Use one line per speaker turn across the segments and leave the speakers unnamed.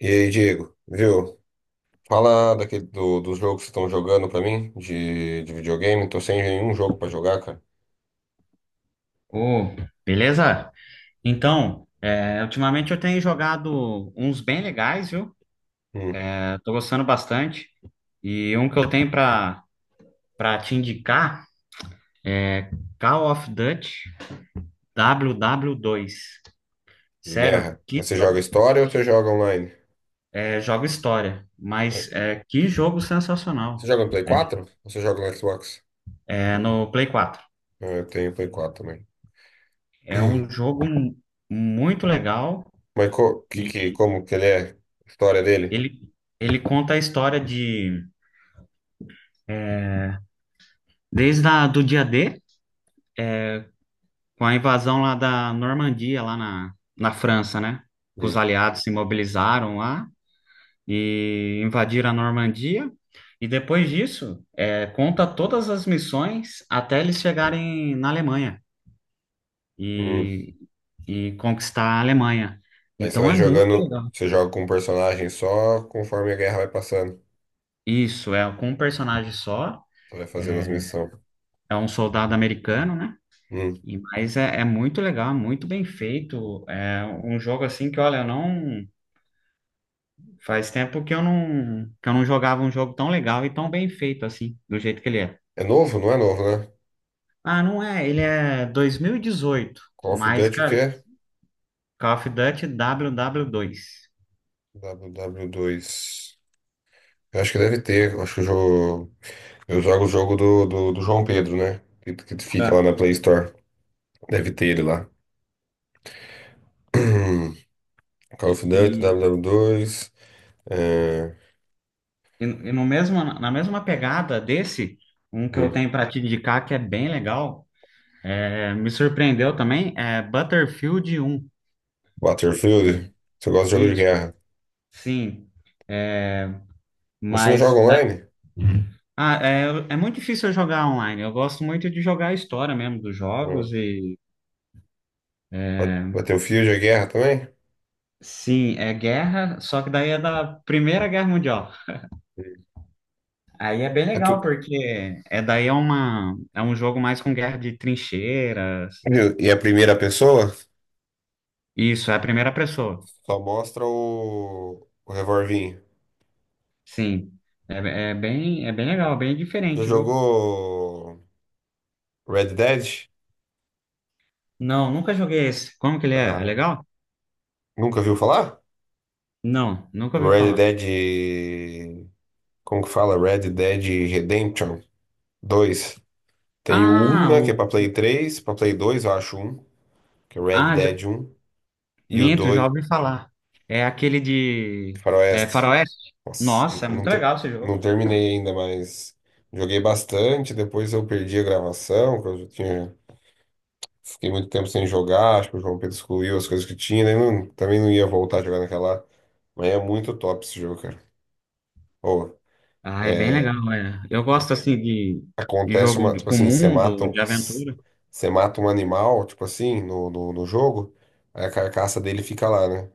E aí, Diego, viu? Fala daquele, dos jogos que estão jogando pra mim, de videogame. Tô sem nenhum jogo pra jogar, cara.
Ô, beleza? Então, ultimamente eu tenho jogado uns bem legais, viu?
Hum,
É, tô gostando bastante. E um que eu tenho pra para te indicar, Call of Duty W W 2.
de
Sério,
guerra.
que
Mas você joga história ou você joga online?
jogo história,
É.
mas que jogo
Você
sensacional.
joga no Play 4? Ou você joga no Xbox?
É no Play 4.
É, eu tenho Play 4 também.
É um jogo muito legal
Mas
e
como que ele é? A história dele?
ele, ele conta a história de desde do dia D com a invasão lá da Normandia, lá na França, né? Que os
Hum,
aliados se mobilizaram lá e invadiram a Normandia. E depois disso, conta todas as missões até eles chegarem na Alemanha
hum.
e, e conquistar a Alemanha.
Aí você
Então
vai
é muito
jogando,
legal.
você joga com um personagem só conforme a guerra vai passando.
Isso, é com um personagem só,
Você vai fazendo as missões.
é um soldado americano, né?
Hum.
E mas é muito legal, muito bem feito. É um jogo assim que, olha, eu não. Faz tempo que eu não, jogava um jogo tão legal e tão bem feito assim, do jeito que ele é.
É novo? Não é novo, né?
Ah, não é, ele é 2018,
Call of
mas,
Duty o
cara,
quê?
Call of Duty W 2.
WW2. Eu acho que deve ter. Eu acho que o jogo. Eu jogo o jogo do João Pedro, né? Que fica lá na
Ah.
Play Store. Deve ter ele lá. Call of Duty,
E,
WW2. É.
e no mesmo, na mesma pegada desse, um que eu
Hum.
tenho para te indicar que é bem legal, me surpreendeu também, é Battlefield 1.
Battlefield. Você gosta de jogo de
Isso,
guerra?
sim.
Mas você não
Mas
joga online?
ah, é muito difícil eu jogar online. Eu gosto muito de jogar a história mesmo dos jogos.
Hum.
E
Battlefield é guerra também?
sim, é guerra, só que daí é da Primeira Guerra Mundial.
Hum.
Aí é bem
É tu...
legal, porque é daí é uma é um jogo mais com guerra de trincheiras.
E a primeira pessoa
Isso, é a primeira pessoa.
só mostra o revolvinho.
Sim. É bem legal, bem
Você
diferente, viu?
jogou Red Dead?
Não, nunca joguei esse. Como que ele é? É
Ah,
legal?
nunca viu falar?
Não, nunca ouvi
Red
falar.
Dead. Como que fala? Red Dead Redemption 2. Tem o 1,
Ah,
né? Que é
o...
pra Play 3, pra Play 2. Eu acho um, que é Red
Ah, já,
Dead um E o
minto, já
dois.
ouvi falar. É aquele de... é,
Faroeste.
Faroeste.
Nossa, eu
Nossa, é
não,
muito
ter-
legal esse
não
jogo.
terminei ainda, mas joguei bastante. Depois eu perdi a gravação, que eu já tinha. Fiquei muito tempo sem jogar, acho que o João Pedro excluiu as coisas que tinha, né? Também não ia voltar a jogar naquela. Mas é muito top esse jogo, cara. Ô,
Ah, é bem
é,
legal, é. Eu gosto assim de
acontece
jogo
uma, tipo
com
assim,
mundo, de aventura.
você mata um animal, tipo assim, no jogo, aí a carcaça dele fica lá, né?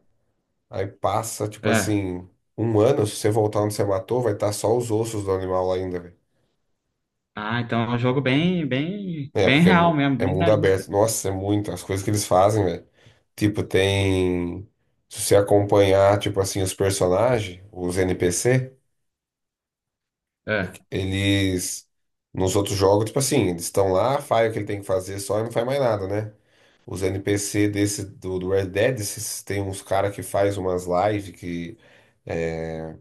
Aí passa, tipo
É.
assim, um ano, se você voltar onde você matou, vai estar só os ossos do animal lá ainda, velho.
Ah, então é um jogo bem, bem,
É,
bem
porque
real mesmo,
é
bem
mundo
realista.
aberto. Nossa, é muito, as coisas que eles fazem, velho. Tipo, tem. Se você acompanhar, tipo assim, os personagens, os NPC,
É.
eles. Nos outros jogos, tipo assim, eles estão lá, faz o que ele tem que fazer só e não faz mais nada, né? Os NPC desse do Red Dead, tem uns cara que faz umas lives que é,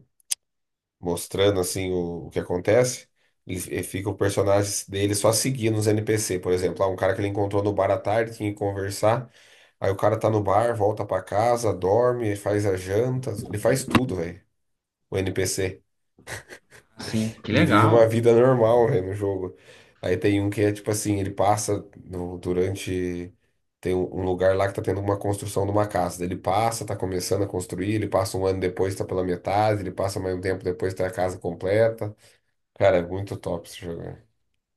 mostrando assim o que acontece. E fica o personagem dele só seguindo os NPC, por exemplo, lá um cara que ele encontrou no bar à tarde, tinha que conversar. Aí o cara tá no bar, volta pra casa, dorme, faz a janta, ele faz tudo, velho. O NPC.
Sim, que
Ele vive uma
legal.
vida normal, né, no jogo. Aí tem um que é tipo assim, ele passa durante. Tem um lugar lá que tá tendo uma construção de uma casa. Daí ele passa, tá começando a construir, ele passa um ano depois, tá pela metade, ele passa mais um tempo depois, tá a casa completa. Cara, é muito top esse jogo, né?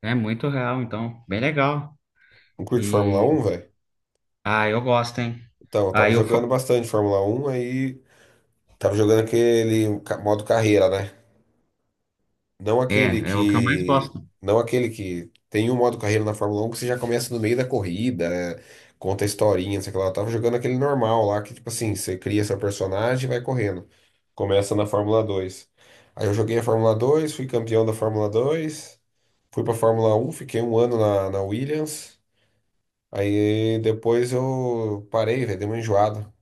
É muito real, então, bem legal.
Não curte Fórmula
E
um velho?
ah, eu gosto, hein?
Então, eu
Ah,
tava jogando bastante Fórmula 1 aí, tava jogando aquele modo carreira, né? Não aquele
é o que eu mais
que.
gosto.
Não aquele que tem um modo carreira na Fórmula 1 que você já começa no meio da corrida, conta a historinha, não sei o que lá. Eu tava jogando aquele normal lá, que tipo assim, você cria seu personagem e vai correndo. Começa na Fórmula 2. Aí eu joguei a Fórmula 2, fui campeão da Fórmula 2, fui pra Fórmula 1, fiquei um ano na, Williams. Aí depois eu parei, velho, dei uma enjoada.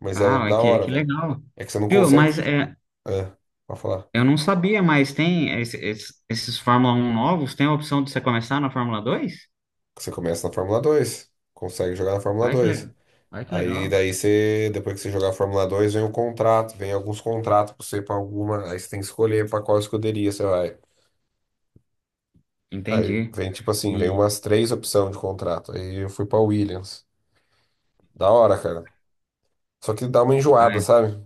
Mas era
Ah, é
da hora,
que
velho.
legal.
É que você não
Viu?
consegue.
Mas
Ah, pode falar.
eu não sabia, mas tem esses Fórmula 1 novos, tem a opção de você começar na Fórmula 2.
Você começa na Fórmula 2, consegue jogar na Fórmula
Ai, que
2.
legal. Ai, que legal.
Aí daí você, depois que você jogar a Fórmula 2, vem o contrato, vem alguns contratos pra você para alguma, aí você tem que escolher pra qual escuderia você vai. Aí
Entendi.
vem tipo assim, vem
E...
umas três opções de contrato. Aí eu fui pra Williams. Da hora, cara. Só que dá uma
Ah,
enjoada,
é.
sabe?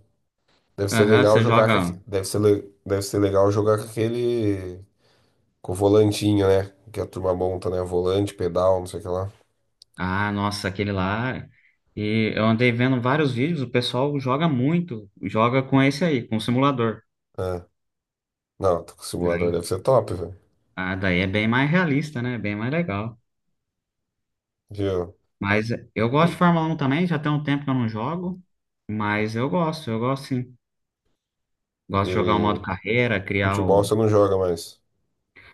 Aham, você joga.
Deve ser legal jogar com aquele com o volantinho, né? Que a turma monta, né? Volante, pedal, não sei o que lá.
Ah, nossa, aquele lá. E eu andei vendo vários vídeos, o pessoal joga muito, joga com esse aí, com o simulador.
Ah, não, tô com o simulador, deve
Daí,
ser top, velho.
ah, daí é bem mais realista, né? Bem mais legal.
Viu?
Mas eu gosto de Fórmula 1 também, já tem um tempo que eu não jogo, mas eu gosto sim. Gosto de
Eu,
jogar o modo
e
carreira, criar
futebol você
o...
não joga mais.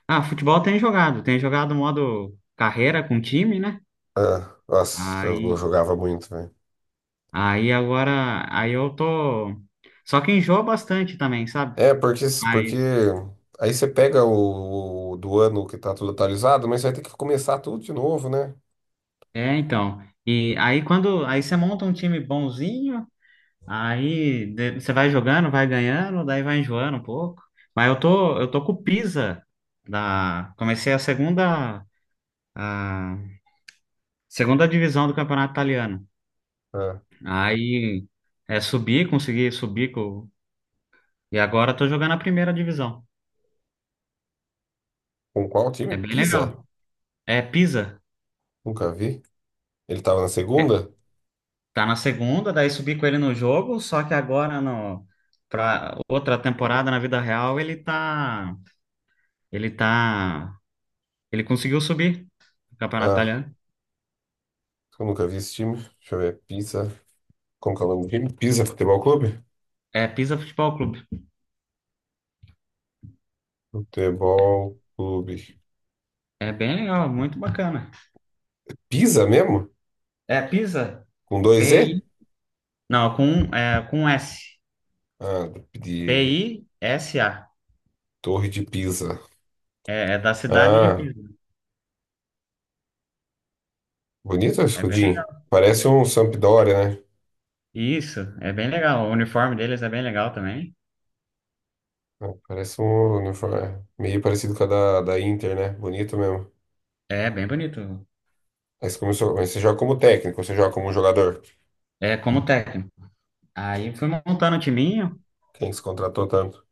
Ah, futebol tem jogado o modo carreira com time, né?
Ah, nossa, eu
Aí,
jogava muito, velho.
aí agora, aí eu tô. Só que enjoa bastante também, sabe?
É, porque, porque
Mas,
aí você pega o do ano que tá tudo atualizado, mas você vai ter que começar tudo de novo, né?
é, então. E aí quando aí você monta um time bonzinho, aí você vai jogando, vai ganhando, daí vai enjoando um pouco. Mas eu tô com o Pisa. Da comecei a segunda, a segunda divisão do campeonato italiano.
Ah,
Aí é subir, consegui subir com, e agora eu tô jogando a primeira divisão.
com qual time?
É bem
Pisa?
legal. É Pisa.
Nunca vi. Ele tava na segunda?
Tá na segunda, daí subi com ele no jogo, só que agora no... para outra temporada, na vida real, ele tá ele conseguiu subir no Campeonato
Ah,
Italiano.
eu nunca vi esse time. Deixa eu ver. Pisa. Como que é o nome do time? Pisa Futebol Clube?
É Pisa Futebol Clube.
Futebol Clube.
É bem legal, muito bacana.
Pisa mesmo?
É Pisa.
Com dois E?
PI, não, com é com S.
Ah, de
P-I-S-A.
Torre de Pisa.
É da cidade de
Ah,
Pisa.
bonito o
É bem
escudinho.
legal.
Parece um Sampdoria, né?
Isso, é bem legal. O uniforme deles é bem legal também.
É, parece um uniforme, é meio parecido com a da Inter, né? Bonito mesmo.
É bem bonito.
Aí você começou, mas você joga como técnico, você joga como jogador.
É como técnico. Aí fui montando o time.
Quem que você contratou tanto?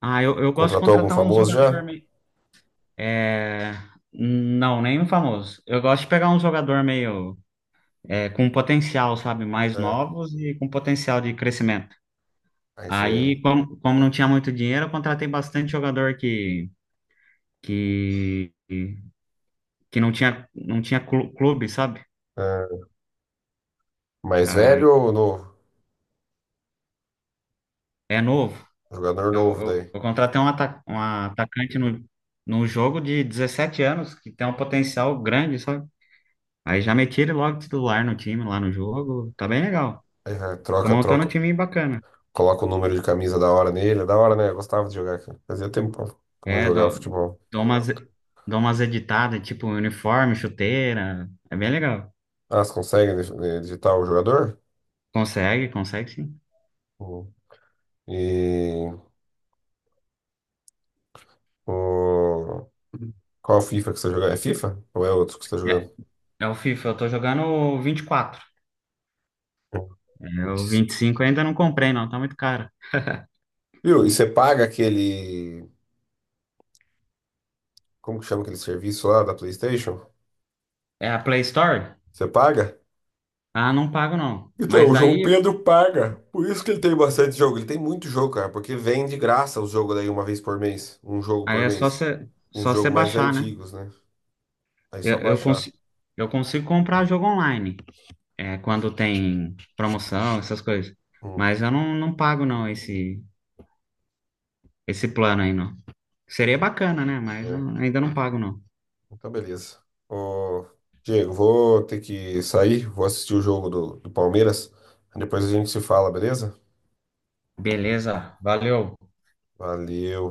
Ah, eu gosto de
Contratou algum
contratar um
famoso já?
jogador meio. É... Não, nenhum famoso. Eu gosto de pegar um jogador meio, com potencial, sabe? Mais
É.
novos e com potencial de crescimento.
Aí você.
Aí, como não tinha muito dinheiro, eu contratei bastante jogador que, que não tinha clube, sabe?
é, Mais
Aí,
velho ou novo?
é novo.
Jogador novo daí.
Eu contratei um, ata um atacante no jogo de 17 anos, que tem um potencial grande, sabe? Aí já meti ele logo titular no time, lá no jogo. Tá bem legal.
Aí é,
Tô
troca,
montando um
troca.
time bacana.
Coloca o número de camisa da hora nele. É da hora, né? Eu gostava de jogar, cara. Fazia tempo pra não
É,
jogava futebol.
dou umas, dou umas editadas, tipo uniforme, chuteira. É bem legal.
Ah, você consegue digitar o jogador?
Consegue, consegue sim.
Hum. E. O... Qual FIFA que você tá jogando? É FIFA? Ou é outro que você tá
É,
jogando?
é o FIFA, eu tô jogando o 24. É, o 25 eu ainda não comprei, não, tá muito caro.
Viu? E você paga aquele. Como que chama aquele serviço lá da PlayStation?
É a Play Store?
Você paga?
Ah, não pago, não.
Então,
Mas
o João
daí,
Pedro paga. Por isso que ele tem bastante jogo. Ele tem muito jogo, cara, porque vem de graça os jogos daí uma vez por mês. Um jogo
aí
por
é só
mês. Uns
você
jogos mais
baixar, né?
antigos, né? Aí
Eu,
só
eu,
baixar.
consi- eu consigo comprar jogo online. É, quando tem promoção, essas coisas.
Hum,
Mas eu não, não pago não esse, plano aí não. Seria bacana, né? Mas eu
é.
ainda não pago não.
Então, beleza. Ô, Diego, vou ter que sair. Vou assistir o jogo do Palmeiras. Depois a gente se fala, beleza?
Beleza, valeu.
Valeu.